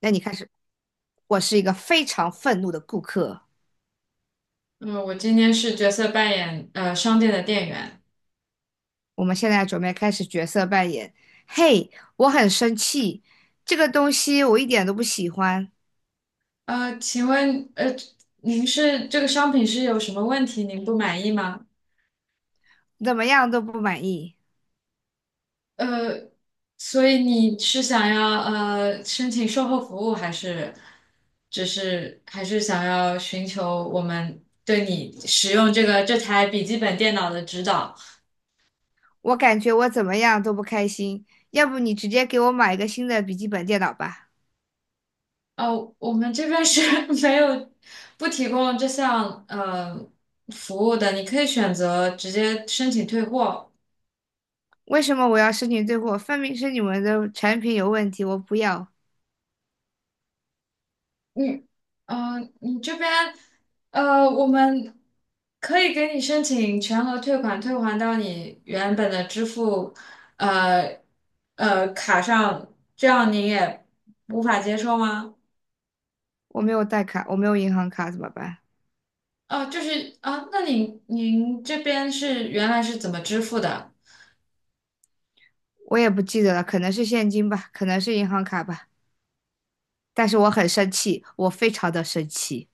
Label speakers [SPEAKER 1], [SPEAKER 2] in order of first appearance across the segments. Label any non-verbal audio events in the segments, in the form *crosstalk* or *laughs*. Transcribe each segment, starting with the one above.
[SPEAKER 1] 那你开始。我是一个非常愤怒的顾客。
[SPEAKER 2] 嗯，我今天是角色扮演商店的店员。
[SPEAKER 1] 我们现在准备开始角色扮演。嘿，我很生气，这个东西我一点都不喜欢，
[SPEAKER 2] 请问您是这个商品是有什么问题您不满意吗？
[SPEAKER 1] 怎么样都不满意。
[SPEAKER 2] 呃，所以你是想要申请售后服务，还是只是还是想要寻求我们对你使用这台笔记本电脑的指导？
[SPEAKER 1] 我感觉我怎么样都不开心。要不你直接给我买一个新的笔记本电脑吧？
[SPEAKER 2] 呃，我们这边是 *laughs* 没有不提供这项服务的，你可以选择直接申请退货。
[SPEAKER 1] 为什么我要申请退货？分明是你们的产品有问题，我不要。
[SPEAKER 2] 你，你这边，我们可以给你申请全额退款，退还到你原本的支付，呃，卡上，这样您也无法接受吗？
[SPEAKER 1] 我没有带卡，我没有银行卡，怎么办？
[SPEAKER 2] 那您这边是原来是怎么支付的？
[SPEAKER 1] 我也不记得了，可能是现金吧，可能是银行卡吧。但是我很生气，我非常的生气。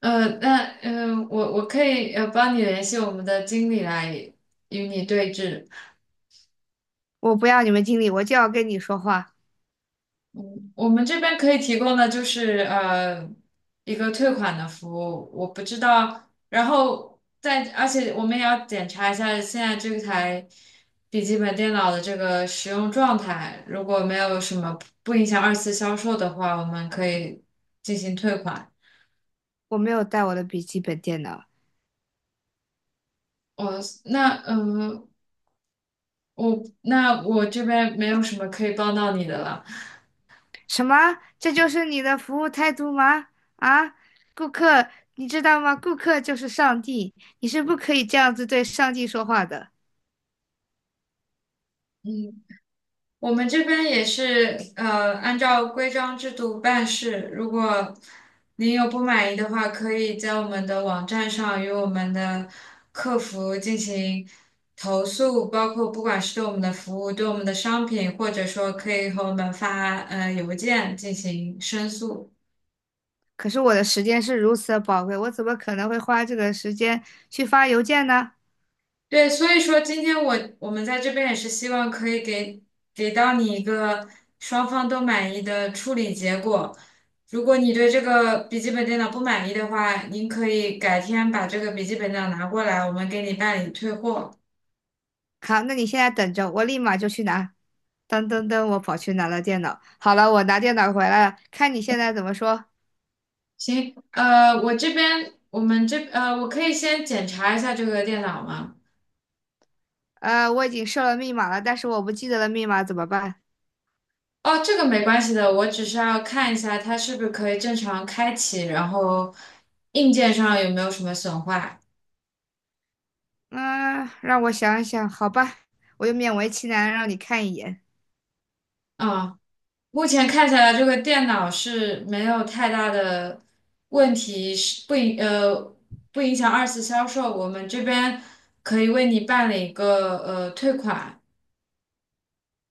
[SPEAKER 2] 呃，那我可以帮你联系我们的经理来与你对峙。
[SPEAKER 1] 我不要你们经理，我就要跟你说话。
[SPEAKER 2] 我们这边可以提供的就是一个退款的服务，我不知道。然后在，而且我们也要检查一下现在这台笔记本电脑的这个使用状态，如果没有什么不影响二次销售的话，我们可以进行退款。
[SPEAKER 1] 我没有带我的笔记本电脑。
[SPEAKER 2] 我那嗯、呃我那我这边没有什么可以帮到你的了。
[SPEAKER 1] 什么？这就是你的服务态度吗？啊，顾客，你知道吗？顾客就是上帝，你是不可以这样子对上帝说话的。
[SPEAKER 2] 我们这边也是，按照规章制度办事。如果您有不满意的话，可以在我们的网站上与我们的客服进行投诉，包括不管是对我们的服务、对我们的商品，或者说可以和我们发邮件进行申诉。
[SPEAKER 1] 可是我的时间是如此的宝贵，我怎么可能会花这个时间去发邮件呢？
[SPEAKER 2] 对，所以说今天我们在这边也是希望可以给给到你一个双方都满意的处理结果。如果你对这个笔记本电脑不满意的话，您可以改天把这个笔记本电脑拿过来，我们给你办理退货。
[SPEAKER 1] 好，那你现在等着，我立马就去拿。噔噔噔，我跑去拿了电脑。好了，我拿电脑回来了，看你现在怎么说。
[SPEAKER 2] 行，我这边我们这呃，我可以先检查一下这个电脑吗？
[SPEAKER 1] 我已经设了密码了，但是我不记得了密码怎么办？
[SPEAKER 2] 哦，这个没关系的，我只是要看一下它是不是可以正常开启，然后硬件上有没有什么损坏。
[SPEAKER 1] 嗯，让我想一想，好吧，我就勉为其难让你看一眼。
[SPEAKER 2] 嗯。目前看起来这个电脑是没有太大的问题，不影响二次销售。我们这边可以为你办理一个退款，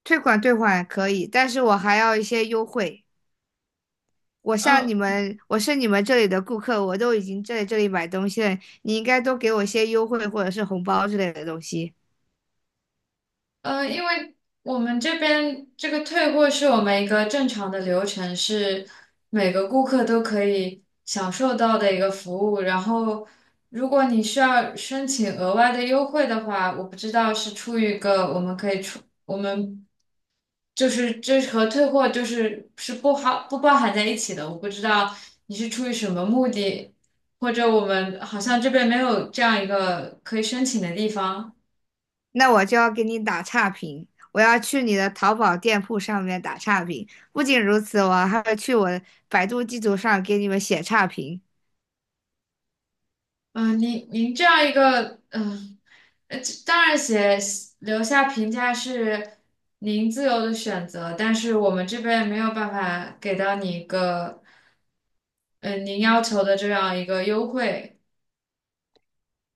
[SPEAKER 1] 退款退款可以，但是我还要一些优惠。我像你
[SPEAKER 2] 呃
[SPEAKER 1] 们，我是你们这里的顾客，我都已经在这里买东西了，你应该多给我一些优惠或者是红包之类的东西。
[SPEAKER 2] 因为我们这边这个退货是我们一个正常的流程，是每个顾客都可以享受到的一个服务。然后，如果你需要申请额外的优惠的话，我不知道是出于一个我们可以出。我们。就是这和退货是不包含在一起的。我不知道你是出于什么目的，或者我们好像这边没有这样一个可以申请的地方。
[SPEAKER 1] 那我就要给你打差评，我要去你的淘宝店铺上面打差评。不仅如此，我还会去我百度地图上给你们写差评。
[SPEAKER 2] 嗯、您这样一个这当然写留下评价是您自由的选择，但是我们这边没有办法给到你一个。您要求的这样一个优惠，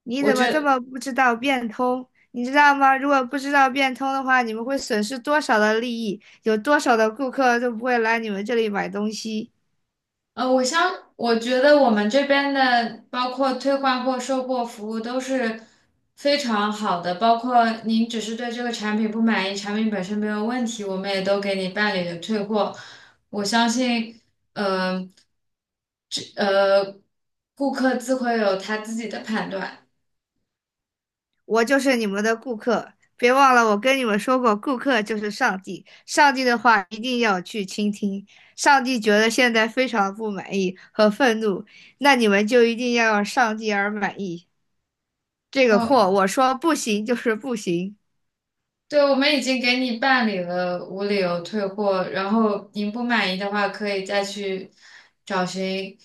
[SPEAKER 1] 你
[SPEAKER 2] 我
[SPEAKER 1] 怎么这
[SPEAKER 2] 觉
[SPEAKER 1] 么不知道变通？你知道吗？如果不知道变通的话，你们会损失多少的利益？有多少的顾客都不会来你们这里买东西？
[SPEAKER 2] 我觉得我们这边的包括退换货、售后服务都是非常好的，包括您只是对这个产品不满意，产品本身没有问题，我们也都给你办理了退货。我相信，呃，这呃，顾客自会有他自己的判断。
[SPEAKER 1] 我就是你们的顾客，别忘了我跟你们说过，顾客就是上帝，上帝的话一定要去倾听。上帝觉得现在非常不满意和愤怒，那你们就一定要让上帝而满意。这个货，
[SPEAKER 2] 嗯、
[SPEAKER 1] 我说不行就是不行。
[SPEAKER 2] 对，我们已经给你办理了无理由退货，然后您不满意的话，可以再去找寻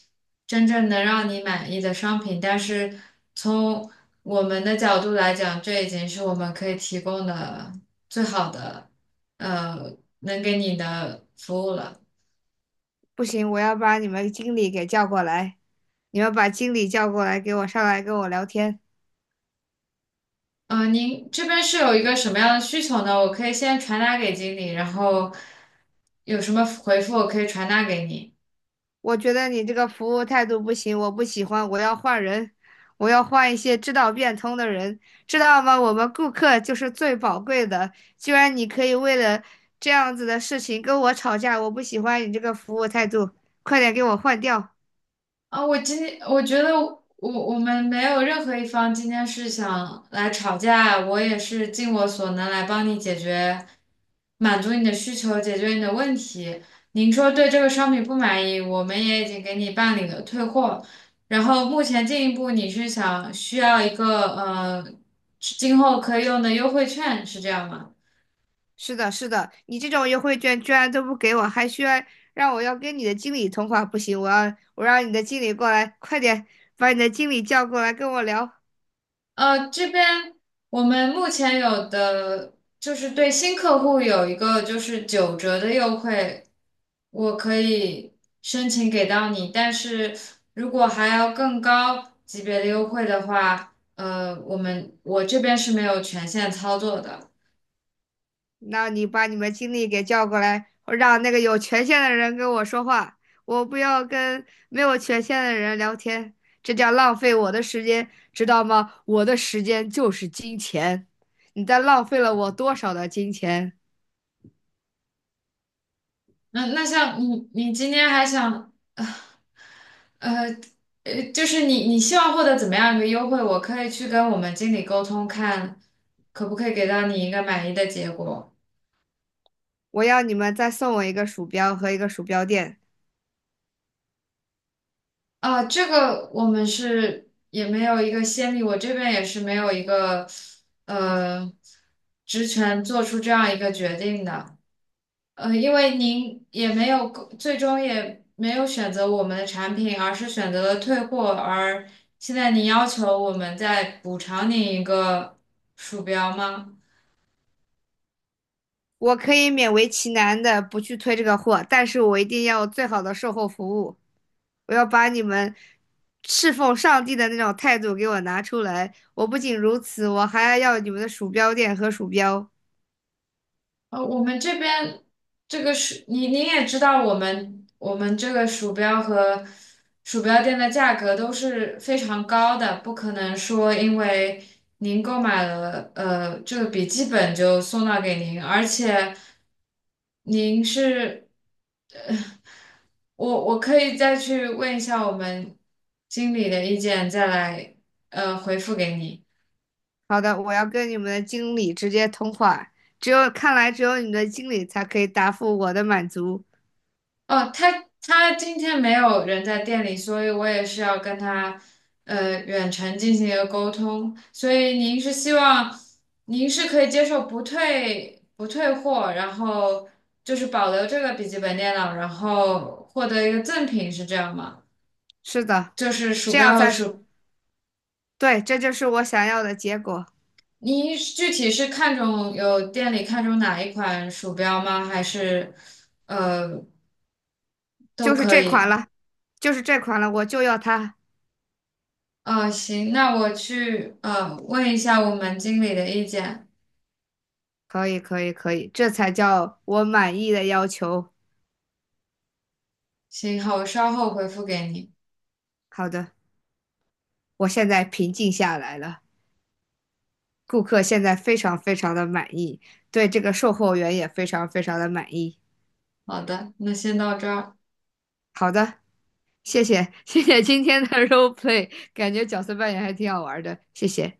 [SPEAKER 2] 真正能让你满意的商品。但是从我们的角度来讲，这已经是我们可以提供的最好的，呃，能给你的服务了。
[SPEAKER 1] 不行，我要把你们经理给叫过来，你们把经理叫过来，给我上来跟我聊天。
[SPEAKER 2] 您这边是有一个什么样的需求呢？我可以先传达给经理，然后有什么回复我可以传达给你。
[SPEAKER 1] 我觉得你这个服务态度不行，我不喜欢，我要换人，我要换一些知道变通的人，知道吗？我们顾客就是最宝贵的，居然你可以为了这样子的事情跟我吵架，我不喜欢你这个服务态度，快点给我换掉。
[SPEAKER 2] 啊，我今天我觉得我我们没有任何一方今天是想来吵架，我也是尽我所能来帮你解决，满足你的需求，解决你的问题。您说对这个商品不满意，我们也已经给你办理了退货。然后目前进一步你是想需要一个今后可以用的优惠券，是这样吗？
[SPEAKER 1] 是的，是的，你这种优惠券居然都不给我，还需要让我要跟你的经理通话，不行，我让你的经理过来，快点把你的经理叫过来跟我聊。
[SPEAKER 2] 这边我们目前有的就是对新客户有一个就是九折的优惠，我可以申请给到你，但是如果还要更高级别的优惠的话，我这边是没有权限操作的。
[SPEAKER 1] 那你把你们经理给叫过来，让那个有权限的人跟我说话，我不要跟没有权限的人聊天，这叫浪费我的时间，知道吗？我的时间就是金钱，你在浪费了我多少的金钱？
[SPEAKER 2] 那像你，你今天还想，呃，就是你你希望获得怎么样一个优惠？我可以去跟我们经理沟通，看可不可以给到你一个满意的结果。
[SPEAKER 1] 我要你们再送我一个鼠标和一个鼠标垫。
[SPEAKER 2] 这个我们是也没有一个先例，我这边也是没有一个呃职权做出这样一个决定的。因为您也没有最终也没有选择我们的产品，而是选择了退货，而现在您要求我们再补偿您一个鼠标吗？
[SPEAKER 1] 我可以勉为其难的不去推这个货，但是我一定要有最好的售后服务。我要把你们侍奉上帝的那种态度给我拿出来。我不仅如此，我还要你们的鼠标垫和鼠标。
[SPEAKER 2] 我们这边这个是你你也知道，我们这个鼠标和鼠标垫的价格都是非常高的，不可能说因为您购买了这个笔记本就送到给您，而且您是，呃我可以再去问一下我们经理的意见，再来回复给你。
[SPEAKER 1] 好的，我要跟你们的经理直接通话。只有，看来只有你们的经理才可以答复我的满足。
[SPEAKER 2] 哦，他今天没有人在店里，所以我也是要跟他远程进行一个沟通。所以您是希望您是可以接受不退货，然后就是保留这个笔记本电脑，然后获得一个赠品，是这样吗？
[SPEAKER 1] 是的，
[SPEAKER 2] 就是鼠
[SPEAKER 1] 这样
[SPEAKER 2] 标和
[SPEAKER 1] 才是，
[SPEAKER 2] 鼠，
[SPEAKER 1] 对，这就是我想要的结果，
[SPEAKER 2] 您具体是看中有店里看中哪一款鼠标吗？还是呃都
[SPEAKER 1] 就是
[SPEAKER 2] 可
[SPEAKER 1] 这款
[SPEAKER 2] 以？
[SPEAKER 1] 了，就是这款了，我就要它。
[SPEAKER 2] 行，那我去问一下我们经理的意见。
[SPEAKER 1] 可以，可以，可以，这才叫我满意的要求。
[SPEAKER 2] 行，好，我稍后回复给你。
[SPEAKER 1] 好的，我现在平静下来了，顾客现在非常非常的满意，对这个售后员也非常非常的满意。
[SPEAKER 2] 好的，那先到这儿。
[SPEAKER 1] 好的，谢谢，谢谢今天的 *laughs* role play，感觉角色扮演还挺好玩的，谢谢。